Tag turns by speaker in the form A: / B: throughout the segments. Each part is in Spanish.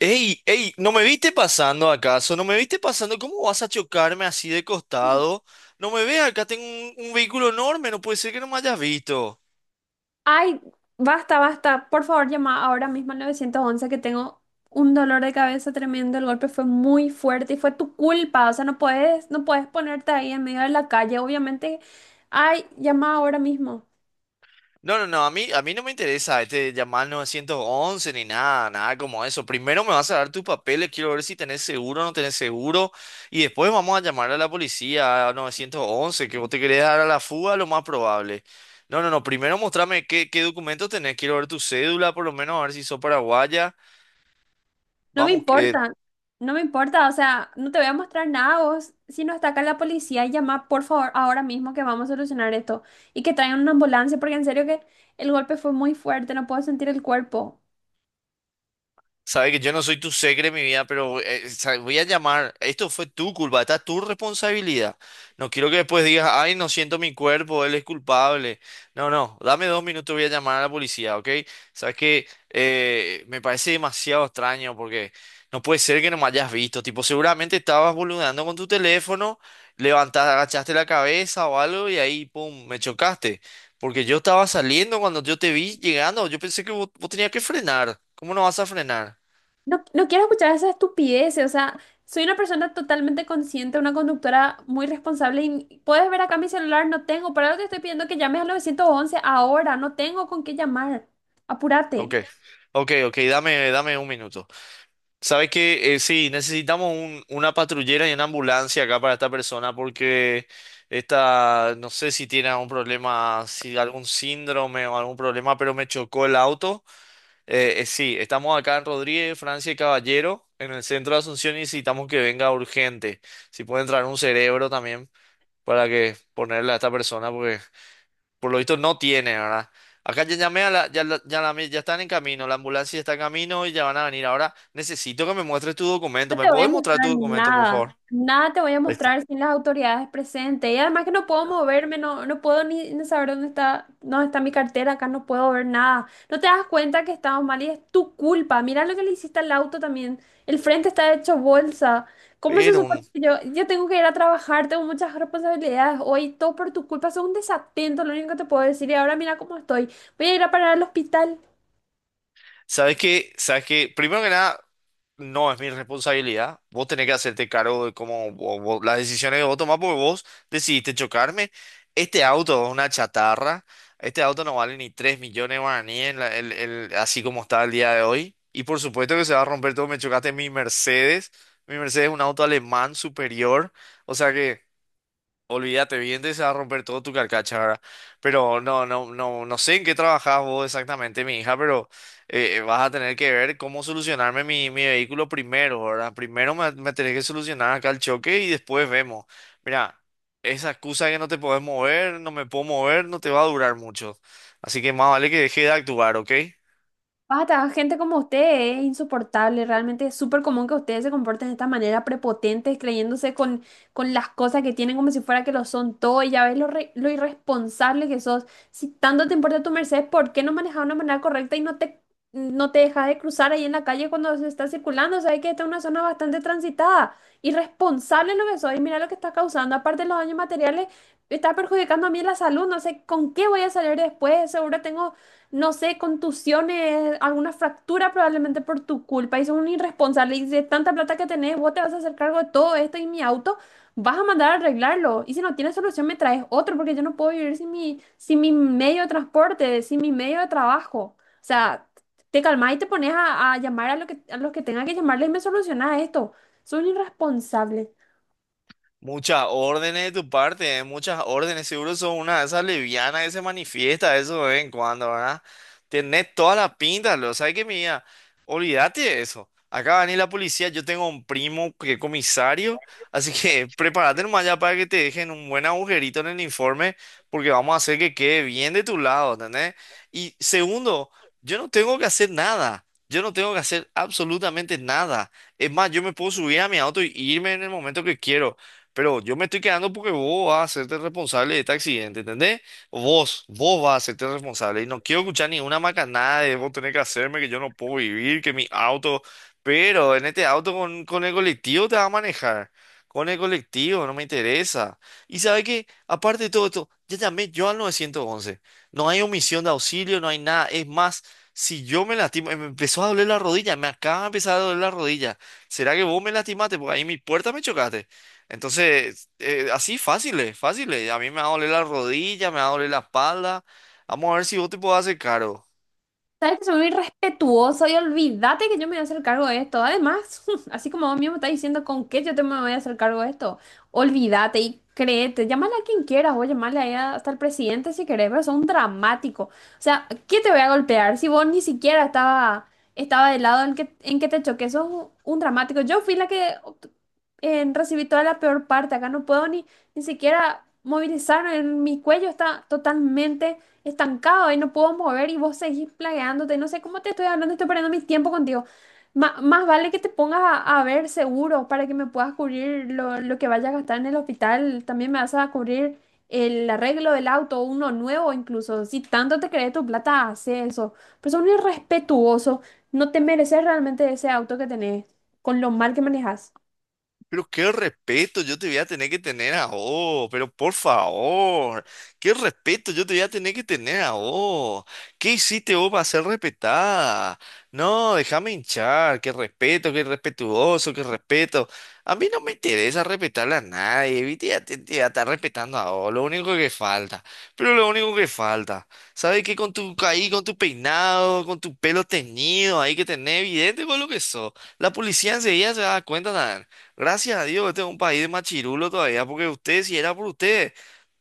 A: Ey, ey, ¿no me viste pasando acaso? ¿No me viste pasando? ¿Cómo vas a chocarme así de costado? No me veas, acá tengo un vehículo enorme, no puede ser que no me hayas visto.
B: Ay, basta, basta. Por favor, llama ahora mismo al 911 que tengo un dolor de cabeza tremendo. El golpe fue muy fuerte y fue tu culpa. O sea, no puedes ponerte ahí en medio de la calle. Obviamente, ay, llama ahora mismo.
A: No, no, no, a mí no me interesa llamar 911 ni nada, nada como eso. Primero me vas a dar tus papeles, quiero ver si tenés seguro o no tenés seguro. Y después vamos a llamar a la policía, a 911, que vos te querés dar a la fuga, lo más probable. No, no, no, primero mostrame qué documentos tenés, quiero ver tu cédula, por lo menos a ver si sos paraguaya.
B: No me
A: Vamos.
B: importa, no me importa. O sea, no te voy a mostrar nada vos. Si no está acá la policía, llama por favor ahora mismo que vamos a solucionar esto. Y que traigan una ambulancia porque en serio que el golpe fue muy fuerte. No puedo sentir el cuerpo.
A: Sabe que yo no soy tu segre, mi vida, pero sabe, voy a llamar. Esto fue tu culpa, esta es tu responsabilidad. No quiero que después digas, ay, no siento mi cuerpo, él es culpable. No, no, dame 2 minutos, voy a llamar a la policía, ¿ok? Sabes que me parece demasiado extraño porque no puede ser que no me hayas visto. Tipo, seguramente estabas boludeando con tu teléfono, levantaste, agachaste la cabeza o algo y ahí, pum, me chocaste. Porque yo estaba saliendo cuando yo te vi llegando, yo pensé que vos tenías que frenar. ¿Cómo no vas a frenar?
B: No, no quiero escuchar esa estupidez, o sea, soy una persona totalmente consciente, una conductora muy responsable y puedes ver acá mi celular, no tengo, por algo te estoy pidiendo que llames al 911 ahora, no tengo con qué llamar,
A: Ok,
B: apúrate.
A: ok, ok, dame, dame un minuto. Sabes que sí, necesitamos una patrullera y una ambulancia acá para esta persona porque esta, no sé si tiene algún problema, si algún síndrome o algún problema, pero me chocó el auto. Sí, estamos acá en Rodríguez, Francia y Caballero, en el centro de Asunción y necesitamos que venga urgente. Si puede entrar un cerebro también para que ponerle a esta persona porque por lo visto no tiene, ¿verdad? Acá ya llamé a la, ya, la- ya, llamé- ya están en camino, la ambulancia está en camino y ya van a venir. Ahora necesito que me muestres tu documento.
B: No
A: ¿Me
B: te voy a
A: puedes mostrar tu
B: mostrar
A: documento, por favor?
B: nada, nada te voy a
A: Ahí está.
B: mostrar sin las autoridades presentes. Y además que no puedo moverme, no, no puedo ni saber dónde está mi cartera, acá no puedo ver nada. No te das cuenta que estamos mal y es tu culpa. Mira lo que le hiciste al auto también. El frente está hecho bolsa. ¿Cómo se
A: Pero
B: supone
A: un-
B: que yo tengo que ir a trabajar? Tengo muchas responsabilidades hoy, todo por tu culpa. Soy un desatento, lo único que te puedo decir. Y ahora mira cómo estoy. Voy a ir a parar al hospital.
A: ¿Sabes qué? ¿Sabes qué? Primero que nada, no es mi responsabilidad. Vos tenés que hacerte cargo de cómo las decisiones que vos tomás porque vos decidiste chocarme. Este auto es una chatarra. Este auto no vale ni 3 millones de guaraníes así como está el día de hoy. Y por supuesto que se va a romper todo. Me chocaste en mi Mercedes. Mi Mercedes es un auto alemán superior. O sea que, olvídate, bien te se va a romper todo tu carcacha, ¿verdad? Pero no, no, no, no sé en qué trabajas vos exactamente, mi hija, pero vas a tener que ver cómo solucionarme mi vehículo primero, ¿verdad? Primero me tenés que solucionar acá el choque y después vemos. Mira, esa excusa de que no te podés mover, no me puedo mover, no te va a durar mucho. Así que más vale que deje de actuar, ¿ok?
B: Basta, gente como usted es insoportable, realmente es súper común que ustedes se comporten de esta manera, prepotentes, creyéndose con las cosas que tienen como si fuera que lo son todo, y ya ves lo, lo irresponsable que sos. Si tanto te importa tu Mercedes, ¿por qué no manejas de una manera correcta y no te dejas de cruzar ahí en la calle cuando se está circulando? Sabes que esta es una zona bastante transitada. Irresponsable lo que sos, y mira lo que estás causando, aparte de los daños materiales, está perjudicando a mí la salud, no sé con qué voy a salir después, seguro tengo no sé, contusiones, alguna fractura probablemente por tu culpa y sos un irresponsable y de tanta plata que tenés, vos te vas a hacer cargo de todo esto y mi auto, vas a mandar a arreglarlo. Y si no tienes solución, me traes otro porque yo no puedo vivir sin mi medio de transporte, sin mi medio de trabajo. O sea, te calmás y te pones a llamar a, lo que, a los que tengan que llamarles y me solucionás esto. Soy un irresponsable.
A: Muchas órdenes de tu parte, ¿eh? Muchas órdenes. Seguro sos una de esas levianas que se manifiesta eso de vez en cuando, ¿verdad? Tenés toda la pinta, lo sabes que mía. Olvídate de eso. Acá va a venir la policía. Yo tengo un primo que es comisario, así que prepárate nomás ya para que te dejen un buen agujerito en el informe, porque vamos a hacer que quede bien de tu lado, ¿entendés? Y segundo, yo no tengo que hacer nada. Yo no tengo que hacer absolutamente nada. Es más, yo me puedo subir a mi auto y irme en el momento que quiero. Pero yo me estoy quedando porque vos vas a hacerte responsable de este accidente, ¿entendés? Vos vas a hacerte responsable. Y no quiero escuchar ninguna macanada de vos tenés que hacerme, que yo no puedo vivir, que mi auto. Pero en este auto con, el colectivo te vas a manejar. Con el colectivo, no me interesa. Y sabe que, aparte de todo esto, ya llamé yo al 911. No hay omisión de auxilio, no hay nada. Es más, si yo me lastimo, me empezó a doler la rodilla, me acaba de empezar a doler la rodilla. ¿Será que vos me lastimaste? Porque ahí en mi puerta me chocaste. Entonces, así fáciles, fáciles. A mí me va a doler la rodilla, me va a doler la espalda. Vamos a ver si vos te podés hacer cargo.
B: Sabes que soy muy respetuosa y olvídate que yo me voy a hacer cargo de esto. Además, así como vos mismo estás diciendo con qué yo te me voy a hacer cargo de esto, olvídate y créete, llámale a quien quieras o llámale ahí hasta el presidente si querés, pero son dramático. O sea, ¿qué te voy a golpear si vos ni siquiera estaba, estaba del lado en que te choqué? Sos un dramático. Yo fui la que recibí toda la peor parte. Acá no puedo ni siquiera movilizarme. En Mi cuello está totalmente estancado y no puedo mover y vos seguís plagueándote. No sé cómo te estoy hablando, estoy perdiendo mi tiempo contigo. Más vale que te pongas a ver seguro para que me puedas cubrir lo que vayas a gastar en el hospital. También me vas a cubrir el arreglo del auto, uno nuevo incluso. Si tanto te crees tu plata, hace eso. Pero son irrespetuoso. No te mereces realmente ese auto que tenés, con lo mal que manejas.
A: Pero qué respeto yo te voy a tener que tener a vos, pero por favor, qué respeto yo te voy a tener que tener a vos. ¿Qué hiciste vos para ser respetada? No, déjame hinchar, qué respeto, qué respetuoso, qué respeto. A mí no me interesa respetarle a nadie, ¿viste? Ya te voy a estar respetando a vos, lo único que falta. Pero lo único que falta, ¿sabes qué? Con tu ahí, con tu peinado, con tu pelo teñido, ahí que tenés evidente con lo que sos. La policía enseguida se da cuenta. Gracias a Dios, este es un país de chirulo todavía, porque usted, si era por usted,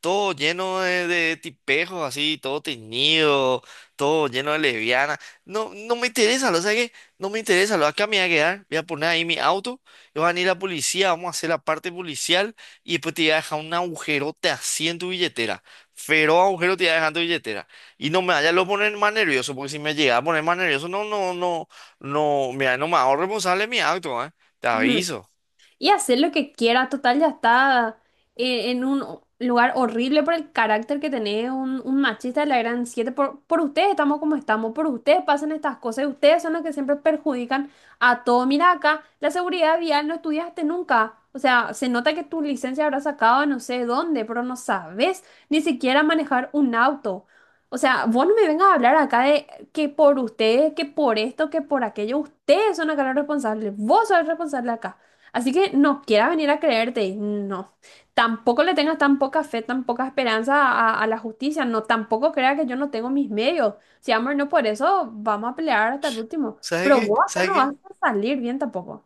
A: todo lleno de tipejos así, todo teñido, todo lleno de lesbianas. No, no me interesa, lo sabes que no me interesa, lo acá me voy a quedar, voy a poner ahí mi auto, y van a ir la policía, vamos a hacer la parte policial, y después te voy a dejar un agujerote así en tu billetera. Feroz agujero te voy a dejar en tu billetera. Y no me vaya a lo poner más nervioso, porque si me llega a poner más nervioso, no, no, no, no, mira, no me hago responsable de mi acto, ¿eh? Te aviso.
B: Y hacer lo que quiera. Total, ya está en un lugar horrible por el carácter que tenés, un machista de la gran siete. Por ustedes estamos como estamos, por ustedes pasan estas cosas y ustedes son los que siempre perjudican a todo. Mira acá, la seguridad vial no estudiaste nunca. O sea, se nota que tu licencia habrá sacado no sé dónde, pero no sabes ni siquiera manejar un auto. O sea, vos no me vengas a hablar acá de que por ustedes, que por esto, que por aquello, ustedes son acá los responsables, vos sos el responsable acá. Así que no quiera venir a creerte, no. Tampoco le tengas tan poca fe, tan poca esperanza a la justicia, no. Tampoco crea que yo no tengo mis medios. Si amor, no por eso vamos a pelear hasta el último.
A: ¿Sabe
B: Pero
A: qué?
B: vos acá
A: ¿Sabe
B: no vas
A: qué?
B: a salir bien tampoco.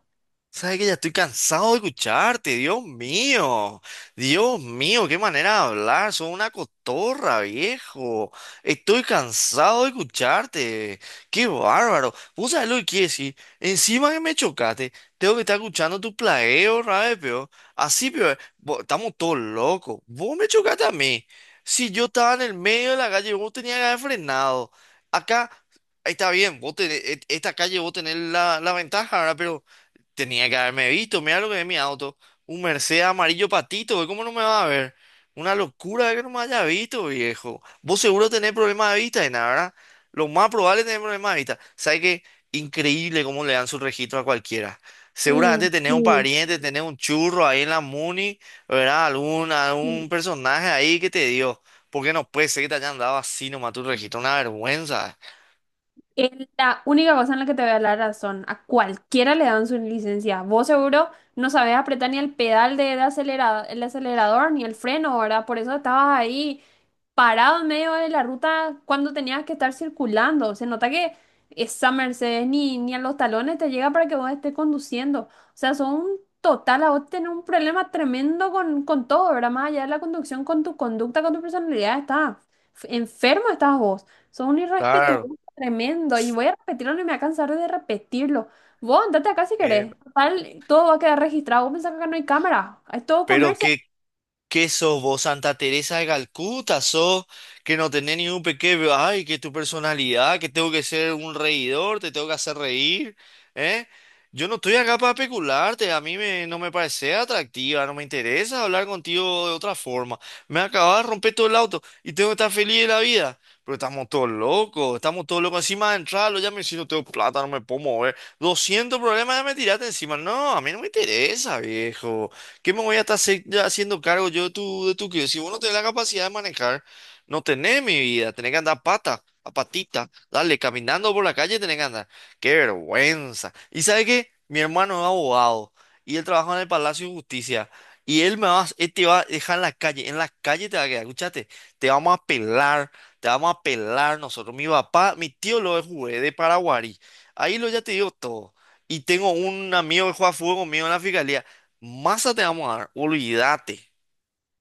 A: Sabes que ya estoy cansado de escucharte, Dios mío, qué manera de hablar, sos una cotorra, viejo. Estoy cansado de escucharte, qué bárbaro. ¿Vos sabés lo que quiere decir? Encima que me chocaste, tengo que estar escuchando tu plagueo, rabe, peor. Así, peor, estamos todos locos. Vos me chocaste a mí. Si yo estaba en el medio de la calle, vos tenías que haber frenado. Acá. Está bien, esta calle vos tenés la ventaja, ¿verdad? Tenía que haberme visto, mira lo que es mi auto. Un Mercedes amarillo patito, güey, ¿cómo no me va a ver? Una locura que no me haya visto, viejo. Vos seguro tenés problemas de vista, y nada, ¿verdad? Lo más probable es tener problemas de vista. ¿Sabes qué? Increíble cómo le dan su registro a cualquiera.
B: Mm,
A: Seguramente tenés un
B: sí,
A: pariente, tenés un churro ahí en la Muni, ¿verdad? Algún,
B: sí.
A: algún personaje ahí que te dio. Porque no puede ser que te hayan dado así nomás tu registro, una vergüenza.
B: Es la única cosa en la que te voy a dar la razón. A cualquiera le dan su licencia. Vos seguro no sabés apretar ni el pedal el acelerador ni el freno, ¿verdad? Por eso estabas ahí parado en medio de la ruta cuando tenías que estar circulando. Se nota que esa Mercedes ni a los talones te llega para que vos estés conduciendo. O sea, son un total, a vos tenés un problema tremendo con todo, ¿verdad? Más allá de la conducción, con tu conducta, con tu personalidad, estás enfermo, estás vos. Sos un
A: Claro.
B: irrespetuoso tremendo. Y voy a repetirlo, no me voy a cansar de repetirlo. Vos andate acá si
A: Eh,
B: querés. Total, todo va a quedar registrado. Vos pensás que acá no hay cámara. Es todo
A: pero
B: comercio.
A: qué ¿Qué sos vos, Santa Teresa de Calcuta? ¿Sos que no tenés ni un pequeño, ay, que tu personalidad, que tengo que ser un reidor, te tengo que hacer reír, ¿eh? Yo no estoy acá para pecularte, no me parece atractiva, no me interesa hablar contigo de otra forma. Me acabas de romper todo el auto y tengo que estar feliz de la vida. Pero estamos todos locos, estamos todos locos. Encima de entrarlo, ya me si no tengo plata, no me puedo mover. 200 problemas ya me tiraste encima. No, a mí no me interesa, viejo. ¿Qué me voy a estar ya haciendo cargo yo de tu, crío? Si vos no tenés la capacidad de manejar, no tenés mi vida, tenés que andar a pata, a patita, dale, caminando por la calle tenés que andar. ¡Qué vergüenza! ¿Y sabe qué? Mi hermano es abogado y él trabaja en el Palacio de Justicia. Él te va a dejar en la calle te va a quedar, escuchate, te vamos a pelar, te vamos a pelar nosotros. Mi papá, mi tío lo es jugué de Paraguay. Ahí lo ya te digo todo. Y tengo un amigo que juega fútbol conmigo en la fiscalía. Masa te vamos a dar, olvídate,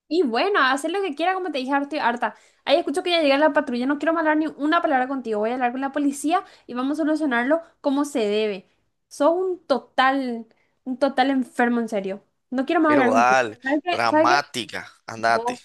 B: Y bueno, hacer lo que quiera, como te dije, ahora estoy harta. Ahí escucho que ya llega la patrulla, no quiero hablar ni una palabra contigo. Voy a hablar con la policía y vamos a solucionarlo como se debe. Sos un total enfermo, en serio. No quiero más
A: pero
B: hablar contigo.
A: dale,
B: ¿Sabes qué? ¿Sabes qué?
A: dramática, andate.
B: Vos